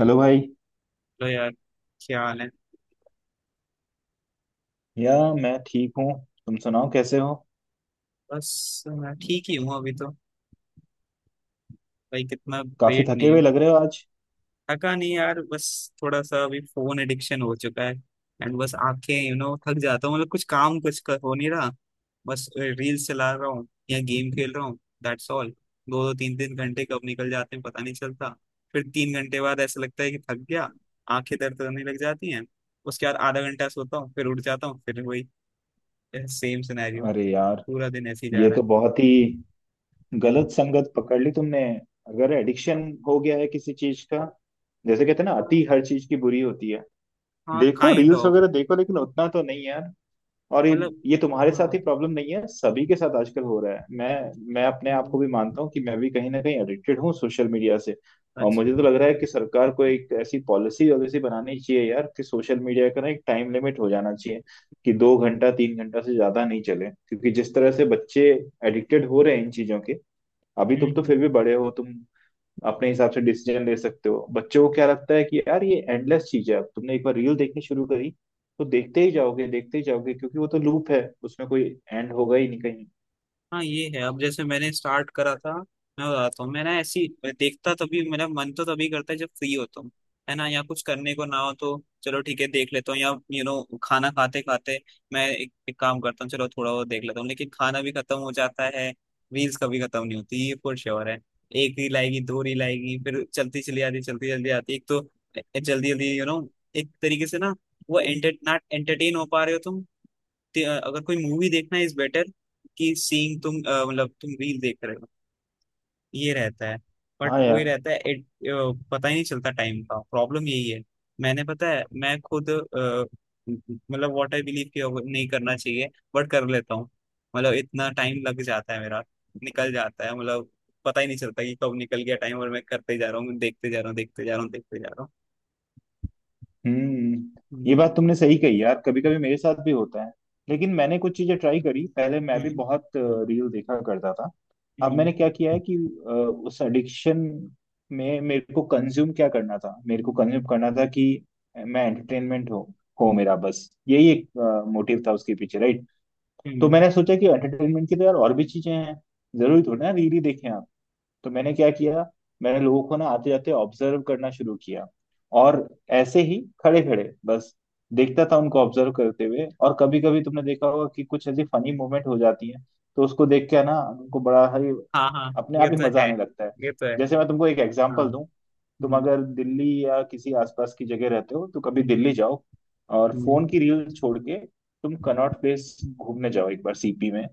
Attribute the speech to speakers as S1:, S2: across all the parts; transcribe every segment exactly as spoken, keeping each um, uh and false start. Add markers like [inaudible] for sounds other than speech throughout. S1: Hello भाई।
S2: Hello यार। क्या हाल है?
S1: या मैं ठीक हूँ। तुम सुनाओ कैसे हो।
S2: बस मैं ठीक ही हूँ अभी तो। भाई कितना
S1: काफी
S2: वेट
S1: थके
S2: नहीं
S1: हुए
S2: हूँ,
S1: लग रहे हो आज।
S2: थका नहीं यार। बस थोड़ा सा अभी फोन एडिक्शन हो चुका है, एंड बस आंखें, यू नो थक जाता हूँ। मतलब कुछ काम कुछ कर, हो नहीं रहा। बस रील्स चला रहा हूँ या गेम खेल रहा हूँ, दैट्स ऑल। दो दो तीन तीन घंटे कब निकल जाते हैं पता नहीं चलता। फिर तीन घंटे बाद ऐसा लगता है कि थक गया, आंखें दर्द करने लग जाती हैं। उसके बाद आधा घंटा सोता हूँ, फिर उठ जाता हूँ, फिर वही सेम सिनेरियो।
S1: अरे यार,
S2: पूरा दिन ऐसे ही जा
S1: ये
S2: रहा
S1: तो बहुत ही गलत संगत पकड़ ली तुमने। अगर एडिक्शन हो गया है किसी चीज का, जैसे कहते हैं ना अति
S2: है।
S1: हर चीज की बुरी होती है।
S2: हाँ
S1: देखो
S2: काइंड
S1: रील्स
S2: ऑफ,
S1: वगैरह देखो, लेकिन उतना तो नहीं यार। और ये
S2: मतलब
S1: ये तुम्हारे साथ
S2: हाँ।
S1: ही प्रॉब्लम नहीं है, सभी के साथ आजकल हो रहा है। मैं मैं अपने आप को
S2: हम्म,
S1: भी मानता हूँ कि मैं भी कहीं ना कहीं एडिक्टेड हूँ सोशल मीडिया से। और
S2: सच
S1: मुझे तो
S2: में।
S1: लग रहा है कि सरकार को एक ऐसी पॉलिसी वॉलिसी बनानी चाहिए यार कि सोशल मीडिया का ना एक टाइम लिमिट हो जाना चाहिए कि दो घंटा तीन घंटा से ज्यादा नहीं चले, क्योंकि जिस तरह से बच्चे एडिक्टेड हो रहे हैं इन चीजों के। अभी तुम तो
S2: हम्म।
S1: फिर
S2: हम्म।
S1: भी बड़े हो, तुम अपने हिसाब से डिसीजन ले सकते हो। बच्चों को क्या लगता है कि यार ये एंडलेस चीज है, अब तुमने एक बार रील देखनी शुरू करी तो देखते ही जाओगे, देखते ही जाओगे, क्योंकि वो तो लूप है, उसमें कोई एंड होगा ही नहीं कहीं।
S2: हाँ ये है। अब जैसे मैंने स्टार्ट करा था, मैं बताता हूँ, मैंने ऐसी देखता तभी मेरा मन तो तभी करता है जब फ्री होता हूँ, है ना, या कुछ करने को ना हो तो चलो ठीक है देख लेता हूँ। या यू नो खाना खाते खाते मैं एक, एक काम करता हूँ, चलो थोड़ा वो देख लेता हूँ, लेकिन खाना भी खत्म हो जाता है। रील्स कभी खत्म नहीं होती, ये फॉर श्योर है। एक रील आएगी, दो रील आएगी, फिर चलती चली आती, चलती चली आती। एक तो जल्दी जल्दी, यू नो एक तरीके से ना, वो एंटर, ना एंटरटेन हो पा रहे हो तुम। ते- अगर कोई मूवी देखना इज बेटर कि सीइंग। तुम अ, मतलब तुम रील देख रहे हो ये रहता है। बट
S1: हाँ
S2: वही
S1: यार।
S2: रहता है। it, अ, पता ही नहीं चलता टाइम का, प्रॉब्लम यही है। मैंने पता है मैं खुद अ, मतलब व्हाट आई बिलीव कि अब नहीं करना चाहिए, बट कर लेता हूँ। मतलब इतना टाइम लग जाता है मेरा, निकल जाता है मतलब, पता ही नहीं चलता कि कब निकल गया टाइम, और मैं करते जा रहा हूँ, देखते जा रहा हूँ, देखते जा रहा हूँ, देखते जा रहा हूँ।
S1: हम्म, ये
S2: हम्म।
S1: बात तुमने सही कही यार, कभी कभी मेरे साथ भी होता है। लेकिन मैंने कुछ चीजें ट्राई करी, पहले मैं भी
S2: हम्म।
S1: बहुत रील देखा करता था। अब
S2: हम्म।
S1: मैंने क्या किया है कि अ, उस एडिक्शन में मेरे को कंज्यूम क्या करना था, मेरे को कंज्यूम करना था कि मैं एंटरटेनमेंट हो हो मेरा बस यही एक मोटिव था उसके पीछे, राइट।
S2: हम्म।
S1: तो मैंने
S2: हम्म।
S1: सोचा कि एंटरटेनमेंट की तो यार और भी चीजें हैं, जरूरी थोड़ी ना रील ही देखें आप। तो मैंने क्या किया, मैंने लोगों को ना आते जाते ऑब्जर्व करना शुरू किया। और ऐसे ही खड़े खड़े बस देखता था उनको ऑब्जर्व करते हुए, और कभी कभी तुमने देखा होगा कि कुछ ऐसी फनी मोमेंट हो जाती है, तो उसको देख के ना उनको बड़ा ही
S2: हाँ हाँ,
S1: अपने
S2: ये
S1: आप ही
S2: तो
S1: मजा
S2: है।
S1: आने लगता है।
S2: ये तो है।
S1: जैसे मैं तुमको एक
S2: हाँ।
S1: एग्जांपल दूं, तुम
S2: हम्म।
S1: अगर दिल्ली या किसी आसपास की जगह रहते हो तो कभी
S2: हम्म।
S1: दिल्ली जाओ, और
S2: हम्म।
S1: फोन की रील छोड़ के तुम कनॉट प्लेस घूमने जाओ एक बार, सीपी में।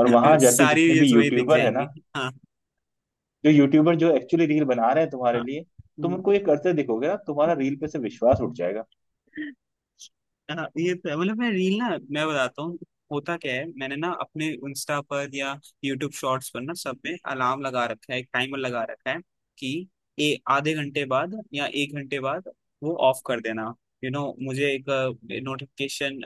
S1: और वहां
S2: [laughs]
S1: जाके
S2: सारी
S1: जितने भी
S2: रील्स वही दिख
S1: यूट्यूबर है
S2: जाएंगी।
S1: ना,
S2: हाँ।
S1: जो यूट्यूबर जो एक्चुअली रील बना रहे हैं तुम्हारे
S2: हाँ।
S1: लिए, तुम
S2: हम्म।
S1: उनको ये करते दिखोगे ना तुम्हारा रील पे से विश्वास उठ जाएगा।
S2: हाँ, ये प- मतलब मैं रील ना, मैं बताता हूँ होता क्या है। मैंने ना अपने इंस्टा पर या यूट्यूब शॉर्ट्स पर, ना सब में अलार्म लगा रखा है, एक टाइमर लगा रखा है कि ए आधे घंटे बाद या एक घंटे बाद वो ऑफ कर देना। यू you नो know, मुझे एक नोटिफिकेशन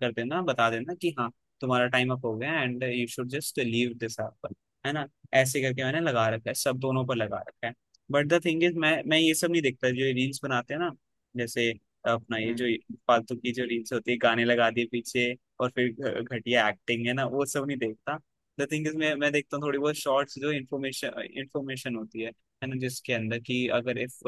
S2: कर देना, बता देना कि हाँ तुम्हारा टाइम अप हो गया, and you should just leave this app, है ना। ऐसे करके मैंने लगा रखा है, सब दोनों पर लगा रखा है। बट द थिंग इज, मैं मैं ये सब नहीं देखता जो रील्स बनाते हैं ना, जैसे अपना ये जो
S1: हम्म।
S2: फालतू की जो रील्स होती है, गाने लगा दिए पीछे और फिर घ- घटिया एक्टिंग, है ना, वो सब नहीं देखता। द थिंग इज, मैं मैं देखता हूँ थोड़ी बहुत शॉर्ट्स जो इन्फॉर्मेशन इन्फॉर्मेशन होती है है ना, जिसके अंदर कि अगर इफ,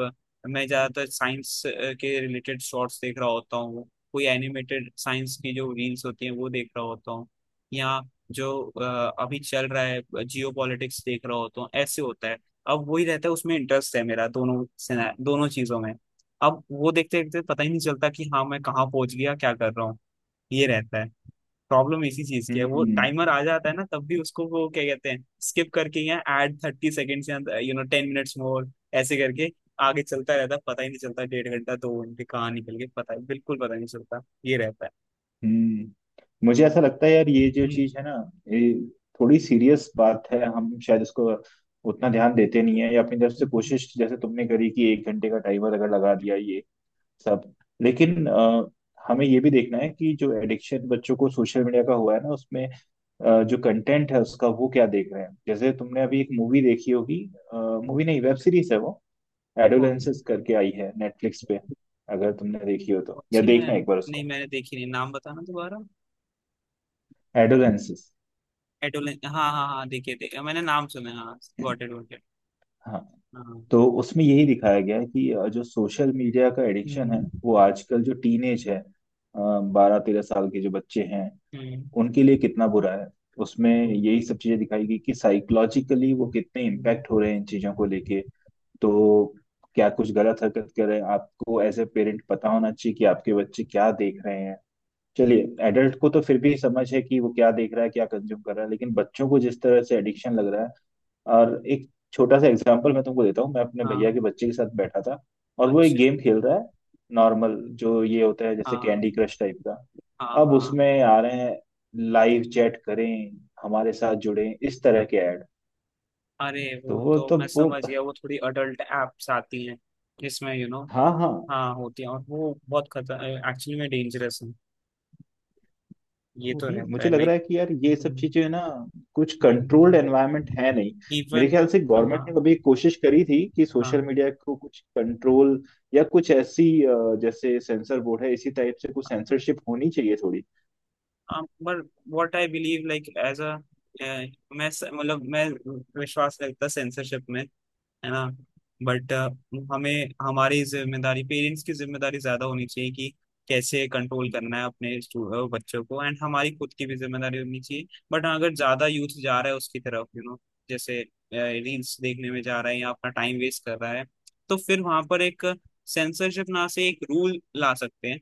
S2: मैं ज्यादातर साइंस के रिलेटेड शॉर्ट्स देख रहा होता हूँ। कोई एनिमेटेड साइंस की जो रील्स होती हैं वो देख रहा होता हूँ, या जो अ, अभी चल रहा है जियो पॉलिटिक्स देख रहा होता हूँ, ऐसे होता है। अब वही रहता है, उसमें इंटरेस्ट है मेरा दोनों, सेना- दोनों चीजों में। अब वो देखते देखते पता ही नहीं चलता कि हाँ मैं कहाँ पहुंच गया, क्या कर रहा हूँ। ये रहता है। प्रॉब्लम इसी चीज की है, वो
S1: हम्म।
S2: टाइमर आ जाता है ना, तब भी उसको वो क्या कहते हैं स्किप करके, या ऐड थर्टी सेकेंड्स या you know ten minutes more, ऐसे करके आगे चलता रहता है। पता ही नहीं चलता डेढ़ घंटा दो घंटे कहाँ निकल गए, पता है बिल्कुल पता नहीं चलता, ये रहता है।
S1: हम्म। मुझे ऐसा लगता है यार, ये जो
S2: हम्म।
S1: चीज है ना, ये थोड़ी सीरियस बात है, हम शायद इसको उतना ध्यान देते नहीं है, या अपनी तरफ से
S2: हम्म। हम्म।
S1: कोशिश जैसे तुमने करी कि एक घंटे का टाइमर अगर लगा
S2: हम्म।
S1: दिया, ये सब। लेकिन अ, हमें ये भी देखना है कि जो एडिक्शन बच्चों को सोशल मीडिया का हुआ है ना, उसमें अ, जो कंटेंट है उसका, वो क्या देख रहे हैं। जैसे तुमने अभी एक मूवी देखी होगी, मूवी नहीं वेब सीरीज है, वो
S2: कौन सी?
S1: एडोलेंसेस करके आई है नेटफ्लिक्स पे। अगर तुमने देखी हो तो,
S2: कौन
S1: या
S2: सी, मैं
S1: देखना एक बार
S2: नहीं,
S1: उसको।
S2: मैंने देखी नहीं, नाम बताना दोबारा।
S1: एडोलेंसेस।
S2: एडोलेन, हाँ हाँ हाँ, देखिए देखिए, मैंने नाम सुना है, हाँ गॉट
S1: [clears throat]
S2: इट गॉट इट।
S1: हाँ,
S2: हाँ।
S1: तो उसमें यही दिखाया गया है कि अ, जो सोशल मीडिया का एडिक्शन है,
S2: हम्म।
S1: वो आजकल जो टीनेज है, बारह तेरह साल के जो बच्चे हैं,
S2: हम्म।
S1: उनके लिए कितना बुरा है। उसमें
S2: ओके।
S1: यही सब चीजें दिखाई गई कि साइकोलॉजिकली वो कितने इम्पैक्ट
S2: हम्म।
S1: हो रहे हैं इन चीजों को लेके। तो क्या कुछ गलत हरकत कर रहे हैं, आपको एज ए पेरेंट पता होना चाहिए कि आपके बच्चे क्या देख रहे हैं। चलिए एडल्ट को तो फिर भी समझ है कि वो क्या देख रहा है, क्या कंज्यूम कर रहा है, लेकिन बच्चों को जिस तरह से एडिक्शन लग रहा है। और एक छोटा सा एग्जांपल मैं तुमको देता हूँ, मैं अपने
S2: हाँ।
S1: भैया के बच्चे के साथ बैठा था, और वो एक
S2: अच्छा।
S1: गेम खेल रहा है। नॉर्मल जो ये होता है जैसे
S2: हाँ
S1: कैंडी क्रश टाइप का।
S2: हाँ
S1: अब
S2: हाँ,
S1: उसमें आ रहे हैं, लाइव चैट करें, हमारे साथ जुड़ें, इस तरह के ऐड।
S2: अरे
S1: तो
S2: वो
S1: वो
S2: तो
S1: तो
S2: मैं
S1: वो
S2: समझ गया, वो थोड़ी अडल्ट एप्स आती हैं जिसमें यू you नो,
S1: हाँ हाँ,
S2: हाँ होती हैं, और वो बहुत खतर, एक्चुअली में डेंजरस है। ये तो
S1: वही
S2: रहता
S1: मुझे
S2: है,
S1: लग रहा
S2: लाइक।
S1: है कि यार ये सब चीजें है ना, कुछ कंट्रोल्ड एनवायरनमेंट है नहीं। मेरे
S2: इवन।
S1: ख्याल से
S2: हाँ
S1: गवर्नमेंट ने कभी कोशिश करी थी कि
S2: हाँ।
S1: सोशल मीडिया को कुछ कंट्रोल या कुछ ऐसी अ, जैसे सेंसर बोर्ड है, इसी टाइप से कुछ सेंसरशिप होनी चाहिए थोड़ी।
S2: पर what I believe, like as a, मैं स- मतलब मैं विश्वास रखता सेंसरशिप में, है ना। बट हमें हमारी जिम्मेदारी, पेरेंट्स की जिम्मेदारी ज्यादा होनी चाहिए कि कैसे कंट्रोल करना है अपने stu- अ, बच्चों को, एंड हमारी खुद की भी जिम्मेदारी होनी चाहिए। बट अगर ज्यादा यूथ जा रहा है उसकी तरफ, यू नो जैसे रील्स देखने में जा रहा है या अपना टाइम वेस्ट कर रहा है, तो फिर वहां पर एक सेंसरशिप ना से एक रूल ला सकते हैं।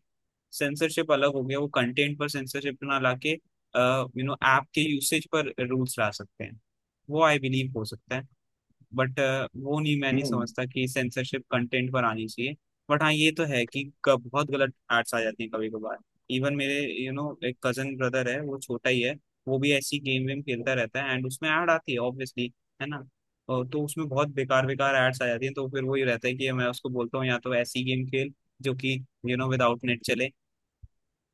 S2: सेंसरशिप अलग हो गया, वो कंटेंट पर सेंसरशिप ना लाके, यू नो ऐप के यूसेज पर रूल्स ला सकते हैं, वो आई बिलीव हो सकता है। बट वो नहीं, मैं नहीं
S1: हम्म।
S2: समझता कि सेंसरशिप कंटेंट पर आनी चाहिए। बट हाँ ये तो है कि कब बहुत गलत एड्स आ जाती हैं कभी कभार। इवन मेरे यू नो एक कजन ब्रदर है, वो छोटा ही है, वो भी ऐसी गेम वेम खेलता रहता है, एंड उसमें ऐड आती है ऑब्वियसली, है ना। और तो उसमें बहुत बेकार बेकार एड्स आ जाती हैं, तो फिर वही रहता है कि मैं उसको बोलता हूँ या तो ऐसी गेम खेल जो कि यू नो विदाउट नेट चले,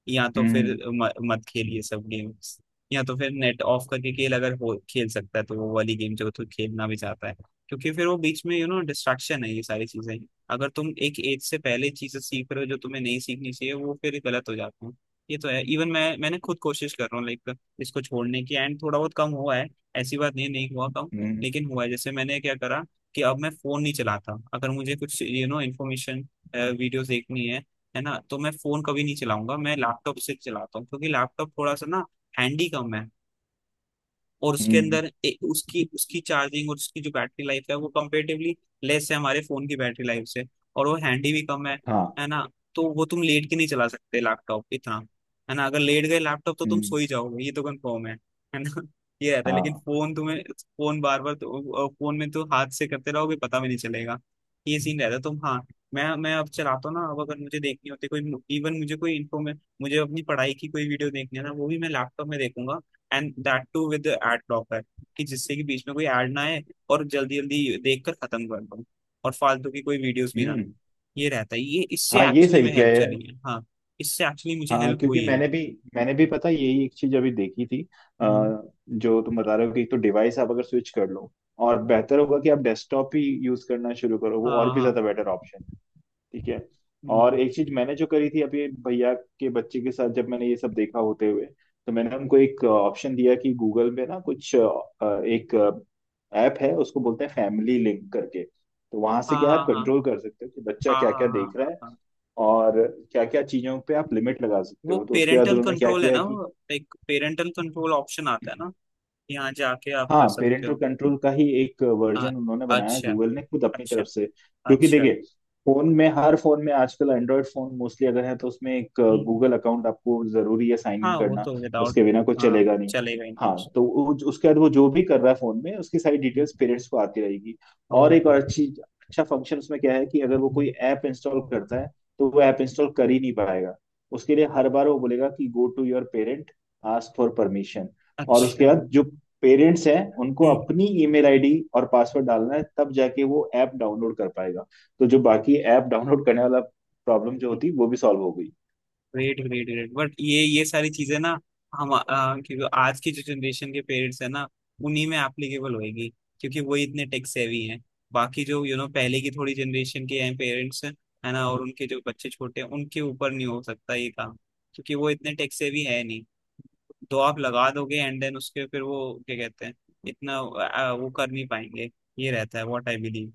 S2: या तो फिर
S1: हम्म।
S2: म, मत खेलिए सब गेम्स, या तो फिर नेट ऑफ करके खेल अगर हो खेल सकता है, तो वो वाली गेम जो तो खेलना भी चाहता है। क्योंकि फिर वो बीच में यू नो डिस्ट्रैक्शन है, ये सारी चीजें। अगर तुम एक एज से पहले चीजें सीख रहे हो जो तुम्हें नहीं सीखनी चाहिए, वो फिर गलत हो जाती है। ये तो है, इवन मैं, मैंने खुद कोशिश कर रहा हूँ, लाइक इसको छोड़ने की, एंड थोड़ा बहुत कम हुआ है, ऐसी बात नहीं, नहीं हुआ कम,
S1: हम्म।
S2: लेकिन हुआ है। जैसे मैंने क्या करा कि अब मैं फोन नहीं चलाता, अगर मुझे कुछ यू नो इन्फॉर्मेशन वीडियोस देखनी है है ना, तो मैं फोन कभी नहीं चलाऊंगा, मैं लैपटॉप से चलाता हूँ क्योंकि लैपटॉप थोड़ा सा ना हैंडी कम है। और उसके
S1: हम्म।
S2: अंदर ए, उसकी उसकी चार्जिंग और उसकी जो बैटरी लाइफ है, वो कंपेरेटिवली लेस है हमारे फोन की बैटरी लाइफ से, और वो हैंडी भी कम है
S1: हाँ।
S2: है ना। तो वो तुम लेट के नहीं चला सकते लैपटॉप इतना, है ना, अगर लेट गए लैपटॉप तो तुम
S1: हम्म।
S2: सो ही जाओगे ये तो कंफर्म है है ना। [laughs] ये रहता है। तो लेकिन
S1: हाँ।
S2: फोन, तुम्हें फोन बार बार, फोन में तो हाथ से करते रहोगे पता भी नहीं चलेगा। ये सीन रहता है, तुम, हाँ, मैं मैं अब चलाता हूँ ना। अब अगर मुझे देखनी होती कोई, इवन मुझे कोई इन्फॉर्मेशन, मुझे अपनी पढ़ाई की कोई वीडियो देखनी है ना, वो भी मैं लैपटॉप में देखूंगा, and that too with ad blocker, कि जिससे कि बीच में कोई एड ना आए और जल्दी जल्दी देख कर खत्म कर दो, और फालतू की कोई वीडियोस भी ना आए।
S1: हम्म।
S2: ये रहता है, ये इससे
S1: हाँ, ये
S2: एक्चुअली
S1: सही
S2: में
S1: किया
S2: हेल्प
S1: है।
S2: चली है, हाँ। इससे एक्चुअली मुझे
S1: हाँ
S2: हेल्प
S1: क्योंकि
S2: हुई है।
S1: मैंने भी मैंने भी पता है, यही एक चीज अभी देखी थी।
S2: हम्म।
S1: अ, जो तुम बता रहे हो कि एक तो डिवाइस आप अगर स्विच कर लो, और बेहतर होगा कि आप डेस्कटॉप ही यूज करना शुरू करो, वो और
S2: हाँ
S1: भी
S2: हाँ।
S1: ज्यादा बेटर ऑप्शन है। ठीक है। और
S2: हम्म।
S1: एक चीज मैंने जो करी थी अभी, भैया के बच्चे के साथ जब मैंने ये सब देखा होते हुए, तो मैंने उनको एक ऑप्शन दिया कि गूगल में ना कुछ अ, एक ऐप है उसको बोलते हैं फैमिली लिंक करके। तो वहां से
S2: हाँ
S1: क्या है, आप
S2: हाँ
S1: कंट्रोल
S2: हाँ
S1: कर सकते हो कि बच्चा
S2: हाँ
S1: क्या
S2: हाँ
S1: क्या
S2: हाँ
S1: देख रहा
S2: हाँ
S1: है
S2: हाँ।
S1: और क्या क्या चीजों पे आप लिमिट लगा सकते
S2: वो
S1: हो। तो उसके बाद
S2: पेरेंटल
S1: उन्होंने क्या
S2: कंट्रोल है
S1: किया है
S2: ना,
S1: कि
S2: वो एक पेरेंटल कंट्रोल ऑप्शन आता है ना, यहाँ जाके आप कर
S1: हाँ,
S2: सकते
S1: पेरेंटल
S2: हो।
S1: कंट्रोल का ही एक
S2: हाँ,
S1: वर्जन उन्होंने बनाया है,
S2: अच्छा।
S1: गूगल ने खुद अपनी
S2: अच्छा।
S1: तरफ से। क्योंकि
S2: अच्छा।
S1: देखिए, फोन में हर फोन में आजकल एंड्रॉयड फोन मोस्टली अगर है, तो उसमें एक
S2: हम्म।
S1: गूगल अकाउंट आपको जरूरी है साइन इन
S2: हाँ वो
S1: करना,
S2: तो विदाउट,
S1: उसके बिना कुछ
S2: हाँ
S1: चलेगा नहीं।
S2: चलेगा ही नहीं कुछ।
S1: हाँ, तो वो- उसके बाद वो जो भी कर रहा है फोन में, उसकी सारी डिटेल्स पेरेंट्स को आती रहेगी। और एक
S2: ओके।
S1: और अच्छी अच्छा फंक्शन उसमें क्या है कि अगर वो कोई
S2: मिनिमम।
S1: ऐप इंस्टॉल करता है, तो वो ऐप इंस्टॉल कर ही नहीं पाएगा, उसके लिए हर बार वो बोलेगा कि go to your parent, ask for permission. और उसके
S2: अच्छा।
S1: बाद जो पेरेंट्स हैं उनको अपनी ईमेल आईडी और पासवर्ड डालना है, तब जाके वो ऐप डाउनलोड कर पाएगा। तो जो बाकी ऐप डाउनलोड करने वाला प्रॉब्लम जो होती, वो भी सॉल्व हो गई।
S2: ग्रेट ग्रेट ग्रेट, बट ये ये सारी चीजें ना, हम आ, क्योंकि आज की जो जनरेशन के पेरेंट्स है ना, उन्हीं में एप्लीकेबल होएगी, क्योंकि वही इतने टेक सेवी हैं। बाकी जो यू नो पहले की थोड़ी जनरेशन के हैं पेरेंट्स, है ना, और उनके जो बच्चे छोटे हैं, उनके ऊपर नहीं हो सकता ये काम, क्योंकि वो इतने टेक सेवी है नहीं। तो आप लगा दोगे एंड देन उसके फिर वो, क्या कहते हैं, इतना आ, वो कर नहीं पाएंगे। ये रहता है व्हाट आई बिलीव।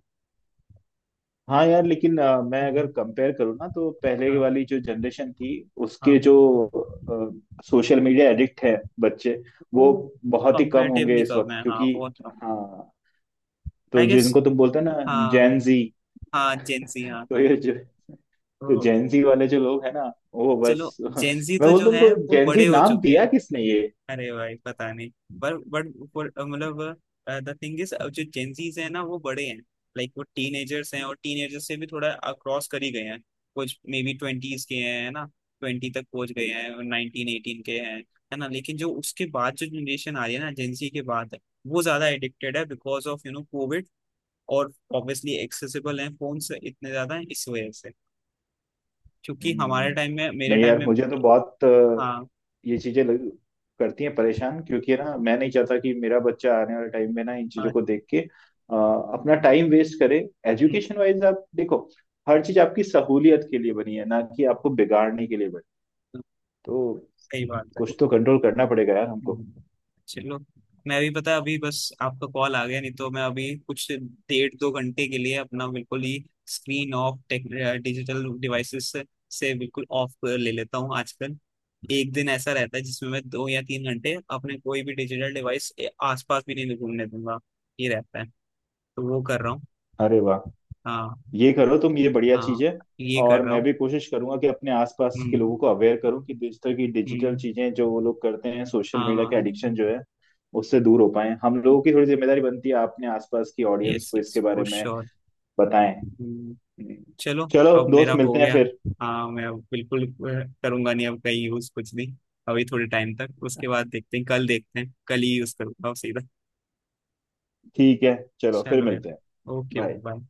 S1: हाँ यार, लेकिन अ, मैं अगर कंपेयर करूँ ना, तो पहले
S2: हाँ।
S1: वाली जो जनरेशन थी,
S2: हाँ
S1: उसके जो सोशल मीडिया एडिक्ट है बच्चे,
S2: वो
S1: वो बहुत ही कम होंगे
S2: कंपेरेटिवली
S1: इस
S2: कम
S1: वक्त,
S2: है, हाँ
S1: क्योंकि
S2: बहुत कम।
S1: हाँ। तो
S2: आई गेस,
S1: जिनको तुम बोलते हो ना
S2: हाँ।
S1: जैन जी,
S2: हाँ जेंजी,
S1: [laughs]
S2: हाँ
S1: तो
S2: हाँ।
S1: ये जो, तो
S2: तो
S1: जेंजी वाले जो लोग हैं ना, वो
S2: चलो
S1: बस [laughs]
S2: जेंजी
S1: मैं
S2: तो जो
S1: बोलता हूँ
S2: है
S1: उनको,
S2: वो
S1: जेंजी
S2: बड़े हो
S1: नाम
S2: चुके हैं।
S1: दिया किसने ये।
S2: अरे भाई पता नहीं। पर बट मतलब द थिंग इज, अब जो जेंजीज है ना वो बड़े हैं, लाइक वो टीनेजर्स हैं, और टीनेजर्स से भी थोड़ा क्रॉस कर ही गए हैं, कुछ मे बी ट्वेंटीज के हैं, है ना, ट्वेंटी तक पहुंच गए हैं और नाइनटीन एटीन के हैं, है ना। लेकिन जो उसके बाद जो जनरेशन आ रही है ना जेंजी के बाद, वो ज्यादा एडिक्टेड है because of you know COVID, और ऑब्वियसली एक्सेसिबल हैं फोन से, इतने ज्यादा हैं इस वजह से, क्योंकि हमारे
S1: हम्म।
S2: टाइम में, मेरे
S1: नहीं
S2: टाइम
S1: यार,
S2: में।
S1: मुझे तो बहुत अ,
S2: हाँ।
S1: ये चीजें लग- करती हैं परेशान, क्योंकि ना मैं नहीं चाहता कि मेरा बच्चा आने वाले टाइम में ना इन चीजों
S2: हाँ।
S1: को देख के अ, अपना टाइम वेस्ट करे।
S2: हम्म।
S1: एजुकेशन वाइज आप देखो, हर चीज आपकी सहूलियत के लिए बनी है ना, कि आपको बिगाड़ने के लिए बनी।
S2: हम्म।
S1: तो
S2: सही बात है।
S1: कुछ तो कंट्रोल करना पड़ेगा यार हमको।
S2: हम्म। चलो मैं भी, पता है अभी बस आपका कॉल आ गया, नहीं तो मैं अभी कुछ डेढ़ दो घंटे के लिए अपना बिल्कुल ही screen off, tech digital devices से से बिल्कुल ऑफ ले लेता हूँ आजकल। एक दिन ऐसा रहता है जिसमें मैं दो या तीन घंटे अपने कोई भी डिजिटल डिवाइस आसपास भी नहीं घूमने दूंगा, ये रहता है, तो वो कर रहा हूँ।
S1: अरे वाह,
S2: हाँ।
S1: ये करो तुम, ये बढ़िया चीज
S2: हाँ,
S1: है।
S2: ये कर
S1: और
S2: रहा
S1: मैं
S2: हूँ।
S1: भी कोशिश करूंगा कि अपने आसपास के
S2: हम्म।
S1: लोगों को अवेयर करूं कि इस तरह की डिजिटल
S2: हम्म।
S1: चीजें जो वो लोग करते हैं, सोशल
S2: हाँ
S1: मीडिया
S2: हाँ,
S1: के एडिक्शन जो है, उससे दूर हो पाए। हम लोगों की थोड़ी जिम्मेदारी बनती है अपने आसपास की ऑडियंस
S2: यस
S1: को
S2: यस
S1: इसके बारे
S2: फॉर
S1: में
S2: श्योर।
S1: बताएं।
S2: चलो
S1: चलो
S2: अब मेरा
S1: दोस्त,
S2: हो
S1: मिलते हैं
S2: गया।
S1: फिर।
S2: हाँ मैं अब बिल्कुल अ, करूंगा नहीं, अब कहीं यूज कुछ भी। अभी थोड़े टाइम तक, उसके बाद देखते हैं, कल देखते हैं, कल ही यूज करूंगा सीधा।
S1: ठीक है, चलो फिर
S2: चलो यार।
S1: मिलते हैं।
S2: ओके।
S1: बाय।
S2: बाय।